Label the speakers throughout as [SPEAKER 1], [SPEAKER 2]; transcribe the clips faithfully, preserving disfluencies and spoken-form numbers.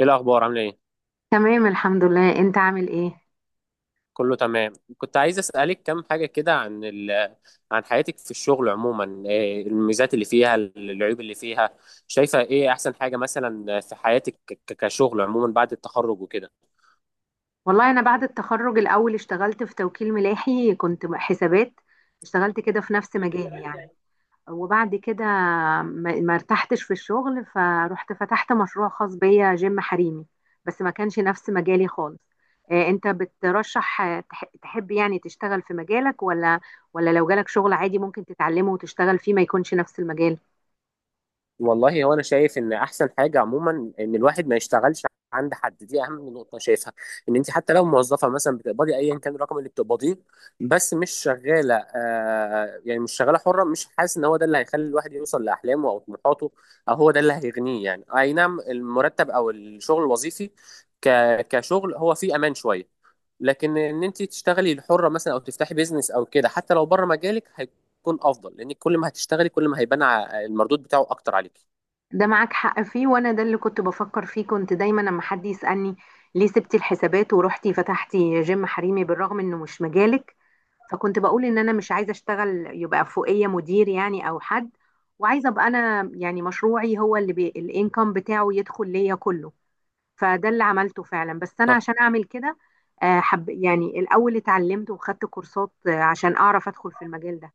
[SPEAKER 1] ايه الاخبار؟ عامله ايه؟
[SPEAKER 2] تمام الحمد لله، انت عامل ايه؟
[SPEAKER 1] كله تمام. كنت عايز اسالك كام حاجه كده عن ال... عن حياتك في الشغل عموما، إيه الميزات اللي فيها، العيوب اللي فيها؟ شايفه ايه احسن حاجه مثلا في حياتك، ك- كشغل عموما بعد التخرج وكده؟
[SPEAKER 2] والله انا بعد التخرج الاول اشتغلت في توكيل ملاحي، كنت حسابات. اشتغلت كده في نفس مجالي يعني. وبعد كده ما ما ارتحتش في الشغل، فروحت فتحت مشروع خاص بيا، جيم حريمي. بس ما كانش نفس مجالي خالص. اه، انت بترشح اه، تح- تحب يعني تشتغل في مجالك، ولا ولا لو جالك شغل عادي ممكن تتعلمه وتشتغل فيه ما يكونش نفس المجال؟
[SPEAKER 1] والله هو انا شايف ان احسن حاجه عموما ان الواحد ما يشتغلش عند حد. دي اهم نقطه أنا شايفها، ان انت حتى لو موظفه مثلا، بتقبضي ايا كان الرقم اللي بتقبضيه، بس مش شغاله، آه يعني مش شغاله حره، مش حاسس ان هو ده اللي هيخلي الواحد يوصل لاحلامه او طموحاته، او هو ده اللي هيغنيه. يعني اي نعم، المرتب او الشغل الوظيفي ك كشغل هو فيه امان شويه، لكن ان انت تشتغلي الحره مثلا او تفتحي بيزنس او كده، حتى لو بره مجالك، تكون افضل، لان كل ما هتشتغلي كل ما هيبان ع- المردود بتاعه اكتر عليكي.
[SPEAKER 2] ده معاك حق فيه، وانا ده اللي كنت بفكر فيه. كنت دايما لما حد يسألني ليه سبتي الحسابات ورحتي فتحتي جيم حريمي بالرغم انه مش مجالك، فكنت بقول ان انا مش عايزه اشتغل يبقى فوقيه مدير يعني او حد، وعايزه ابقى انا يعني مشروعي هو اللي بي... الانكم بتاعه يدخل ليا كله. فده اللي عملته فعلا. بس انا
[SPEAKER 1] صح،
[SPEAKER 2] عشان اعمل كده آه، حب يعني الاول اتعلمت وخدت كورسات آه، عشان اعرف ادخل في المجال ده.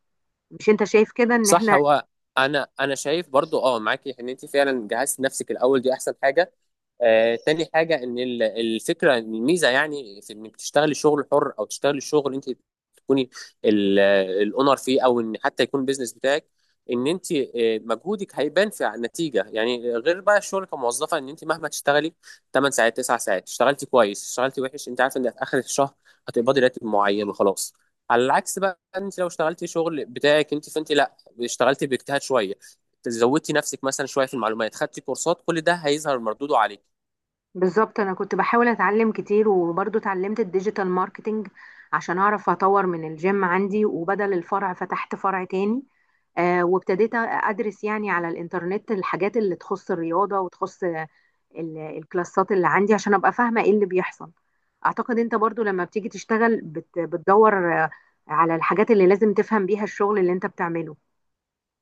[SPEAKER 2] مش انت شايف كده ان
[SPEAKER 1] صح.
[SPEAKER 2] احنا؟
[SPEAKER 1] هو انا انا شايف برضو، اه معاكي ان انت فعلا جهزت نفسك الاول، دي احسن حاجه. آه، تاني حاجة إن ال- الفكرة، الميزة يعني في إنك تشتغلي شغل حر أو تشتغلي شغل أنت تكوني الأونر فيه، أو إن حتى يكون البيزنس بتاعك، إن أنت آه، مجهودك هيبان في النتيجة، يعني غير بقى الشغل كموظفة، إن أنت مهما تشتغلي تمان ساعات، تسعة ساعات، اشتغلتي كويس، اشتغلتي وحش، أنت عارفة إن في آخر الشهر هتقبضي راتب معين وخلاص. على العكس بقى، أنت لو اشتغلتي شغل بتاعك أنت، فأنت لا، اشتغلتي باجتهاد شوية، زودتي نفسك مثلا شويه في المعلومات، خدتي كورسات، كل ده هيظهر مردوده عليك
[SPEAKER 2] بالظبط، انا كنت بحاول اتعلم كتير وبرضه اتعلمت الديجيتال ماركتينج عشان اعرف اطور من الجيم عندي، وبدل الفرع فتحت فرع تاني. آه، وابتديت ادرس يعني على الانترنت الحاجات اللي تخص الرياضة وتخص آه، ال- الكلاسات اللي عندي عشان ابقى فاهمة ايه اللي بيحصل. اعتقد انت برضه لما بتيجي تشتغل بت- بتدور آه، على الحاجات اللي لازم تفهم بيها الشغل اللي انت بتعمله.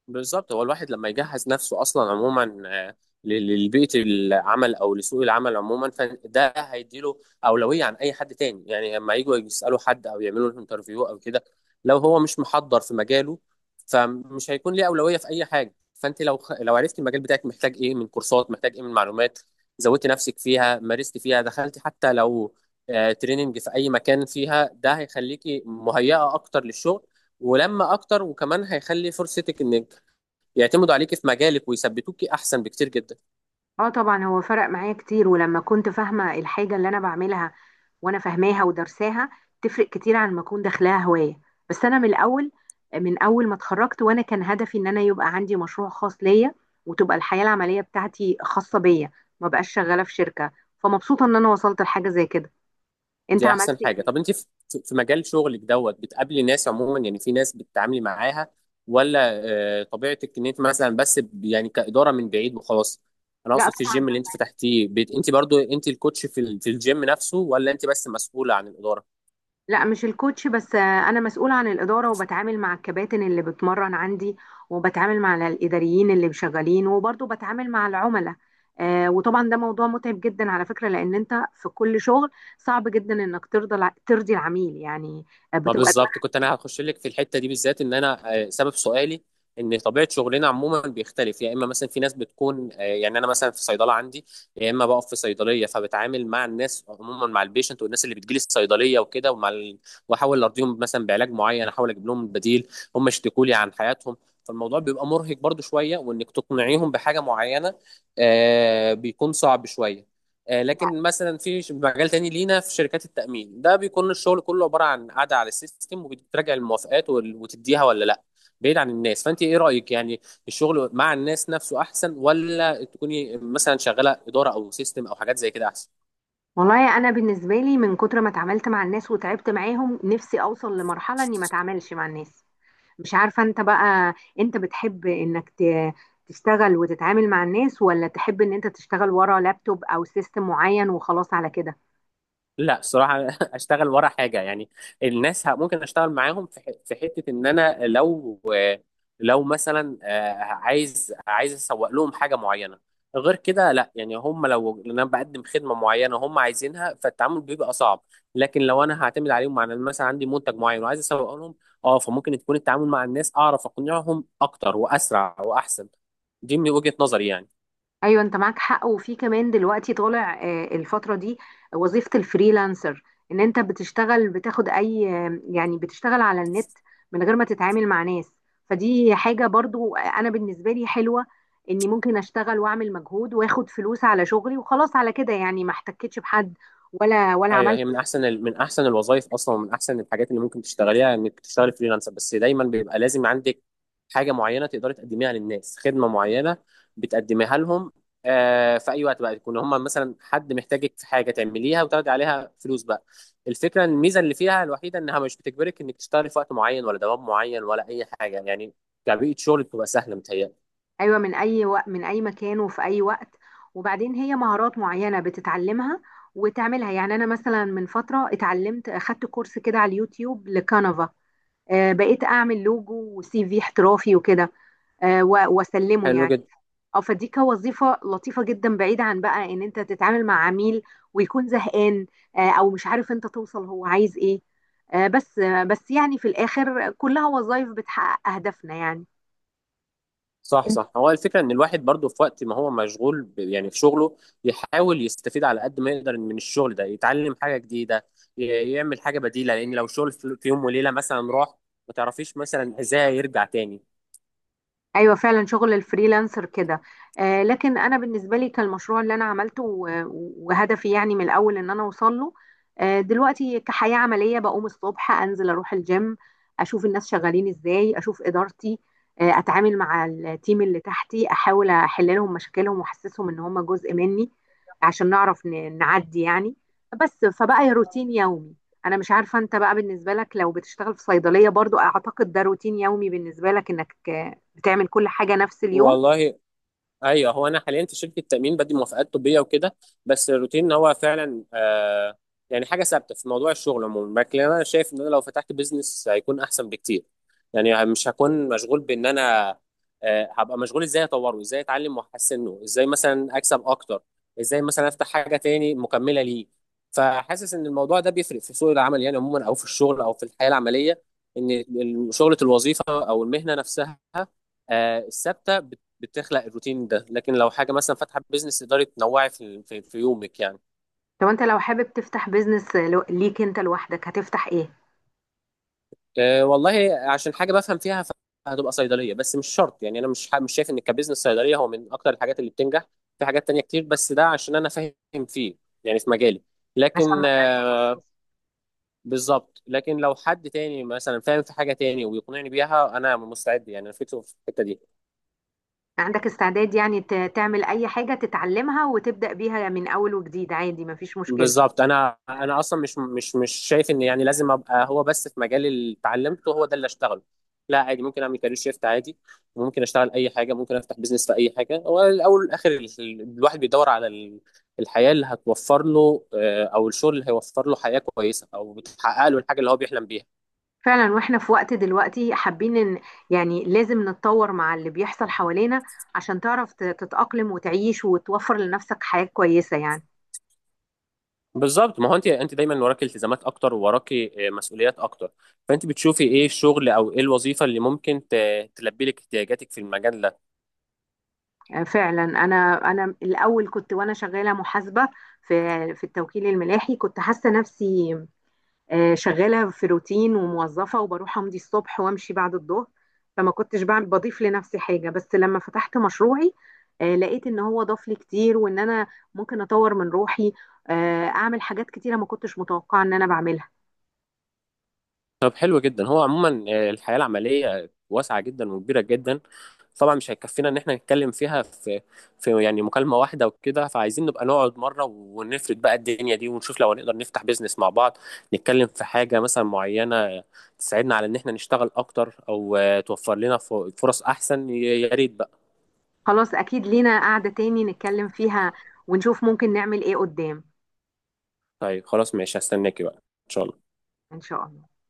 [SPEAKER 1] بالظبط. هو الواحد لما يجهز نفسه اصلا عموما، آه، ل- للبيئه العمل او لسوق العمل عموما، فده هيديله اولويه عن اي حد تاني، يعني لما يجوا يسالوا حد او يعملوا له انترفيو او كده، لو هو مش محضر في مجاله، فمش هيكون ليه اولويه في اي حاجه. فانت لو خ- لو عرفت المجال بتاعك محتاج ايه من كورسات، محتاج ايه من معلومات، زودت نفسك فيها، مارست فيها، دخلت حتى لو آه، تريننج في اي مكان فيها، ده هيخليكي مهيئه اكتر للشغل، ولما اكتر، وكمان هيخلي فرصتك انك يعتمدوا عليكي في مجالك ويثبتوكي احسن بكتير جدا.
[SPEAKER 2] اه طبعا، هو فرق معايا كتير. ولما كنت فاهمة الحاجة اللي انا بعملها وانا فاهماها ودرساها، تفرق كتير عن ما اكون داخلاها هواية. بس انا من الاول، من اول ما اتخرجت وانا كان هدفي ان انا يبقى عندي مشروع خاص ليا، وتبقى الحياة العملية بتاعتي خاصة بيا، ما بقاش شغالة في شركة. فمبسوطة ان انا وصلت لحاجة زي كده. انت
[SPEAKER 1] دي احسن
[SPEAKER 2] عملت
[SPEAKER 1] حاجه.
[SPEAKER 2] ايه؟
[SPEAKER 1] طب انت في في مجال شغلك دوت، بتقابلي ناس عموما يعني، في ناس بتتعاملي معاها ولا آه، طبيعتك ان انت مثلا بس ب- يعني كاداره من بعيد وخلاص؟ انا
[SPEAKER 2] لا
[SPEAKER 1] اقصد في
[SPEAKER 2] طبعا،
[SPEAKER 1] الجيم اللي انت فتحتيه، بت- انت برضو انت الكوتش في ال- في الجيم نفسه، ولا انت بس مسؤوله عن الاداره؟
[SPEAKER 2] لا مش الكوتش بس. آه، انا مسؤولة عن الإدارة، وبتعامل مع الكباتن اللي بتمرن عندي، وبتعامل مع الإداريين اللي شغالين، وبرضه بتعامل مع العملاء. آه، وطبعا ده موضوع متعب جدا على فكرة، لأن أنت في كل شغل صعب جدا إنك ترضى الع- ترضي العميل يعني. آه،
[SPEAKER 1] ما
[SPEAKER 2] بتبقى
[SPEAKER 1] بالظبط،
[SPEAKER 2] دماغك.
[SPEAKER 1] كنت انا هخش لك في الحته دي بالذات. ان انا آه، سبب سؤالي ان طبيعه شغلنا عموما بيختلف. يا اما مثلا في ناس بتكون، آه، يعني انا مثلا في صيدله عندي، يا اما بقف في صيدليه، فبتعامل مع الناس عموما، مع البيشنت والناس اللي بتجيلي الصيدليه وكده، ومع ال... واحاول ارضيهم مثلا بعلاج معين، احاول اجيب لهم بديل، هم يشتكوا لي عن حياتهم، فالموضوع بيبقى مرهق برضو شويه، وانك تقنعيهم بحاجه معينه آه، بيكون صعب شويه. آه، لكن مثلا في ش- مجال تاني لينا، في شركات التأمين، ده بيكون الشغل كله عبارة عن قاعدة على السيستم، وبتراجع الموافقات وال- وتديها ولا لا، بعيد عن الناس. فأنت إيه رأيك يعني؟ الشغل مع الناس نفسه أحسن، ولا تكوني مثلا شغالة إدارة أو سيستم أو حاجات زي كده أحسن؟
[SPEAKER 2] والله أنا بالنسبة لي من كتر ما اتعاملت مع الناس وتعبت معاهم، نفسي أوصل لمرحلة إني ما اتعاملش مع الناس. مش عارفة انت بقى، انت بتحب انك ت- تشتغل وتتعامل مع الناس، ولا تحب ان انت تشتغل ورا لابتوب او سيستم معين وخلاص على كده؟
[SPEAKER 1] لا الصراحة أشتغل ورا حاجة يعني. الناس ه- ممكن أشتغل معاهم في ح- في حتة إن أنا لو لو مثلا آه، عايز عايز أسوق لهم حاجة معينة. غير كده لا، يعني هم لو لأن أنا بقدم خدمة معينة هم عايزينها، فالتعامل بيبقى صعب. لكن لو أنا هعتمد عليهم، مع إن مثلا عندي منتج معين وعايز أسوق لهم، أه فممكن تكون التعامل مع الناس، أعرف أقنعهم أكتر وأسرع وأحسن. دي من وجهة نظري يعني.
[SPEAKER 2] ايوه، انت معاك حق. وفي كمان دلوقتي طالع آه، الفترة دي وظيفة الفريلانسر، ان انت بتشتغل بتاخد اي آه، يعني بتشتغل على النت من غير ما تتعامل مع ناس. فدي حاجة برضو آه، انا بالنسبة لي حلوة، اني ممكن اشتغل واعمل مجهود واخد فلوس على شغلي وخلاص على كده، يعني ما احتكتش بحد ولا ولا
[SPEAKER 1] ايوه،
[SPEAKER 2] عملت.
[SPEAKER 1] هي من احسن، ال- من احسن الوظائف اصلا ومن احسن الحاجات اللي ممكن تشتغليها، انك تشتغلي فريلانسر. بس دايما بيبقى لازم عندك حاجه معينه تقدري تقدميها للناس، خدمه معينه بتقدميها لهم آه في اي وقت بقى يكون هم مثلا، حد محتاجك في حاجه تعمليها وتاخدي عليها فلوس بقى. الفكره، الميزه اللي فيها الوحيده انها مش بتجبرك انك تشتغلي في وقت معين، ولا دوام معين، ولا اي حاجه يعني، كبيئه شغل بتبقى سهله متهيألي.
[SPEAKER 2] ايوه، من اي وقت، من اي مكان، وفي اي وقت. وبعدين هي مهارات معينه بتتعلمها وتعملها يعني. انا مثلا من فتره اتعلمت، اخدت كورس كده على اليوتيوب لكانفا. آه، بقيت اعمل لوجو وسي في احترافي وكده، آه و- واسلمه
[SPEAKER 1] حلو
[SPEAKER 2] يعني.
[SPEAKER 1] جدا.
[SPEAKER 2] اه، فدي كوظيفه لطيفه جدا، بعيده عن بقى ان انت تتعامل مع عميل ويكون زهقان، آه او مش عارف انت توصل هو عايز ايه. آه بس آه بس يعني في الاخر كلها وظائف بتحقق اهدافنا يعني.
[SPEAKER 1] صح، صح. هو الفكرة ان الواحد برضه في وقت ما هو مشغول ب- يعني في شغله، يحاول يستفيد على قد ما يقدر من الشغل ده، يتعلم حاجة جديدة، ي- يعمل حاجة بديلة، لان لو شغل في في يوم وليلة مثلا راح، ما تعرفيش مثلا ازاي يرجع تاني.
[SPEAKER 2] ايوه فعلا، شغل الفريلانسر كده. آه، لكن انا بالنسبه لي كالمشروع اللي انا عملته و- وهدفي يعني من الاول ان انا اوصل له. آه دلوقتي كحياه عمليه، بقوم الصبح انزل اروح الجيم، اشوف الناس شغالين ازاي، اشوف ادارتي، آه اتعامل مع التيم اللي تحتي، احاول احل لهم مشاكلهم واحسسهم ان هم جزء مني عشان نعرف ن- نعدي يعني. بس فبقى يا روتين يومي. انا مش عارفه انت بقى بالنسبه لك لو بتشتغل في صيدليه برضو، اعتقد ده روتين يومي بالنسبه لك، انك بتعمل كل حاجة نفس اليوم.
[SPEAKER 1] والله ايوه، هو انا حاليا في شركه تامين، بدي موافقات طبيه وكده، بس الروتين، ان هو فعلا آه يعني حاجه ثابته في موضوع الشغل عموما. لكن انا شايف ان انا لو فتحت بيزنس هيكون احسن بكتير، يعني مش هكون مشغول بان انا آه هبقى مشغول ازاي اطوره، ازاي اتعلم واحسنه، ازاي مثلا اكسب اكتر، ازاي مثلا افتح حاجه تاني مكمله ليه. فحاسس ان الموضوع ده بيفرق في سوق العمل يعني عموما، او في الشغل، او في الحياه العمليه، ان ال- شغله، الوظيفه او المهنه نفسها آه، الثابته بتخلق الروتين ده، لكن لو حاجه مثلا فاتحه بيزنس، تقدري تنوعي في في, في يومك يعني.
[SPEAKER 2] طب انت لو حابب تفتح بيزنس لو- ليك انت لوحدك، هتفتح ايه؟
[SPEAKER 1] أه والله، عشان حاجه بفهم فيها، هتبقى صيدليه، بس مش شرط يعني، انا مش ح- مش شايف ان كبزنس صيدليه هو من اكتر الحاجات اللي بتنجح، في حاجات تانية كتير، بس ده عشان انا فاهم فيه، يعني في مجالي.
[SPEAKER 2] عشان
[SPEAKER 1] لكن
[SPEAKER 2] مجال
[SPEAKER 1] آه،
[SPEAKER 2] تخصصي.
[SPEAKER 1] بالظبط، لكن لو حد تاني مثلا فاهم في حاجه تاني ويقنعني بيها، انا مستعد يعني، انا فكره في الحته دي.
[SPEAKER 2] عندك استعداد يعني ت- تعمل اي حاجة تتعلمها وتبدأ بيها من اول وجديد عادي، مفيش مشكلة؟
[SPEAKER 1] بالظبط، انا انا اصلا مش مش مش شايف ان، يعني لازم ابقى هو بس في مجال اللي اتعلمته هو ده اللي اشتغله. لا عادي، ممكن اعمل كارير شيفت عادي، ممكن اشتغل اي حاجه، ممكن افتح بيزنس في اي حاجه. هو الاول والاخر ال- ال- الواحد بيدور على ال- الحياه اللي هتوفر له، آه، او الشغل اللي هيوفر له حياه كويسه، او بتحقق له الحاجه اللي هو بيحلم بيها.
[SPEAKER 2] فعلا، واحنا في وقت دلوقتي حابين ان يعني لازم نتطور مع اللي بيحصل حوالينا عشان تعرف ت- تتأقلم وتعيش وتوفر لنفسك حياة كويسة يعني.
[SPEAKER 1] بالظبط، ما هو انت انت دايما وراكي التزامات اكتر، وراكي آه، مسؤوليات اكتر، فانت بتشوفي ايه الشغل او ايه الوظيفه اللي ممكن ت- تلبي لك احتياجاتك في المجال ده.
[SPEAKER 2] آه فعلا، انا انا الاول كنت وانا شغالة محاسبة في في التوكيل الملاحي، كنت حاسة نفسي آه، شغالة في روتين وموظفة، وبروح أمضي الصبح وأمشي بعد الظهر، فما كنتش بعمل بضيف لنفسي حاجة. بس لما فتحت مشروعي، آه، لقيت إن هو ضاف لي كتير، وإن أنا ممكن أطور من روحي، آه، أعمل حاجات كتيرة ما كنتش متوقعة إن أنا بعملها.
[SPEAKER 1] طب حلو جدا. هو عموما آه، الحياة العملية واسعة جدا وكبيرة جدا، طبعا مش هيكفينا ان احنا نتكلم فيها في في يعني مكالمة واحدة وكده، فعايزين نبقى نقعد مرة ونفرد بقى الدنيا دي، ونشوف لو هنقدر نفتح بيزنس مع بعض، نتكلم في حاجة مثلا معينة تساعدنا على ان احنا نشتغل اكتر، او آه، توفر لنا ف- فرص احسن، يا يا ريت بقى.
[SPEAKER 2] خلاص أكيد لينا قعدة تاني نتكلم فيها، ونشوف ممكن نعمل إيه قدام.
[SPEAKER 1] طيب خلاص، ماشي، هستناكي بقى ان شاء الله.
[SPEAKER 2] إن شاء الله.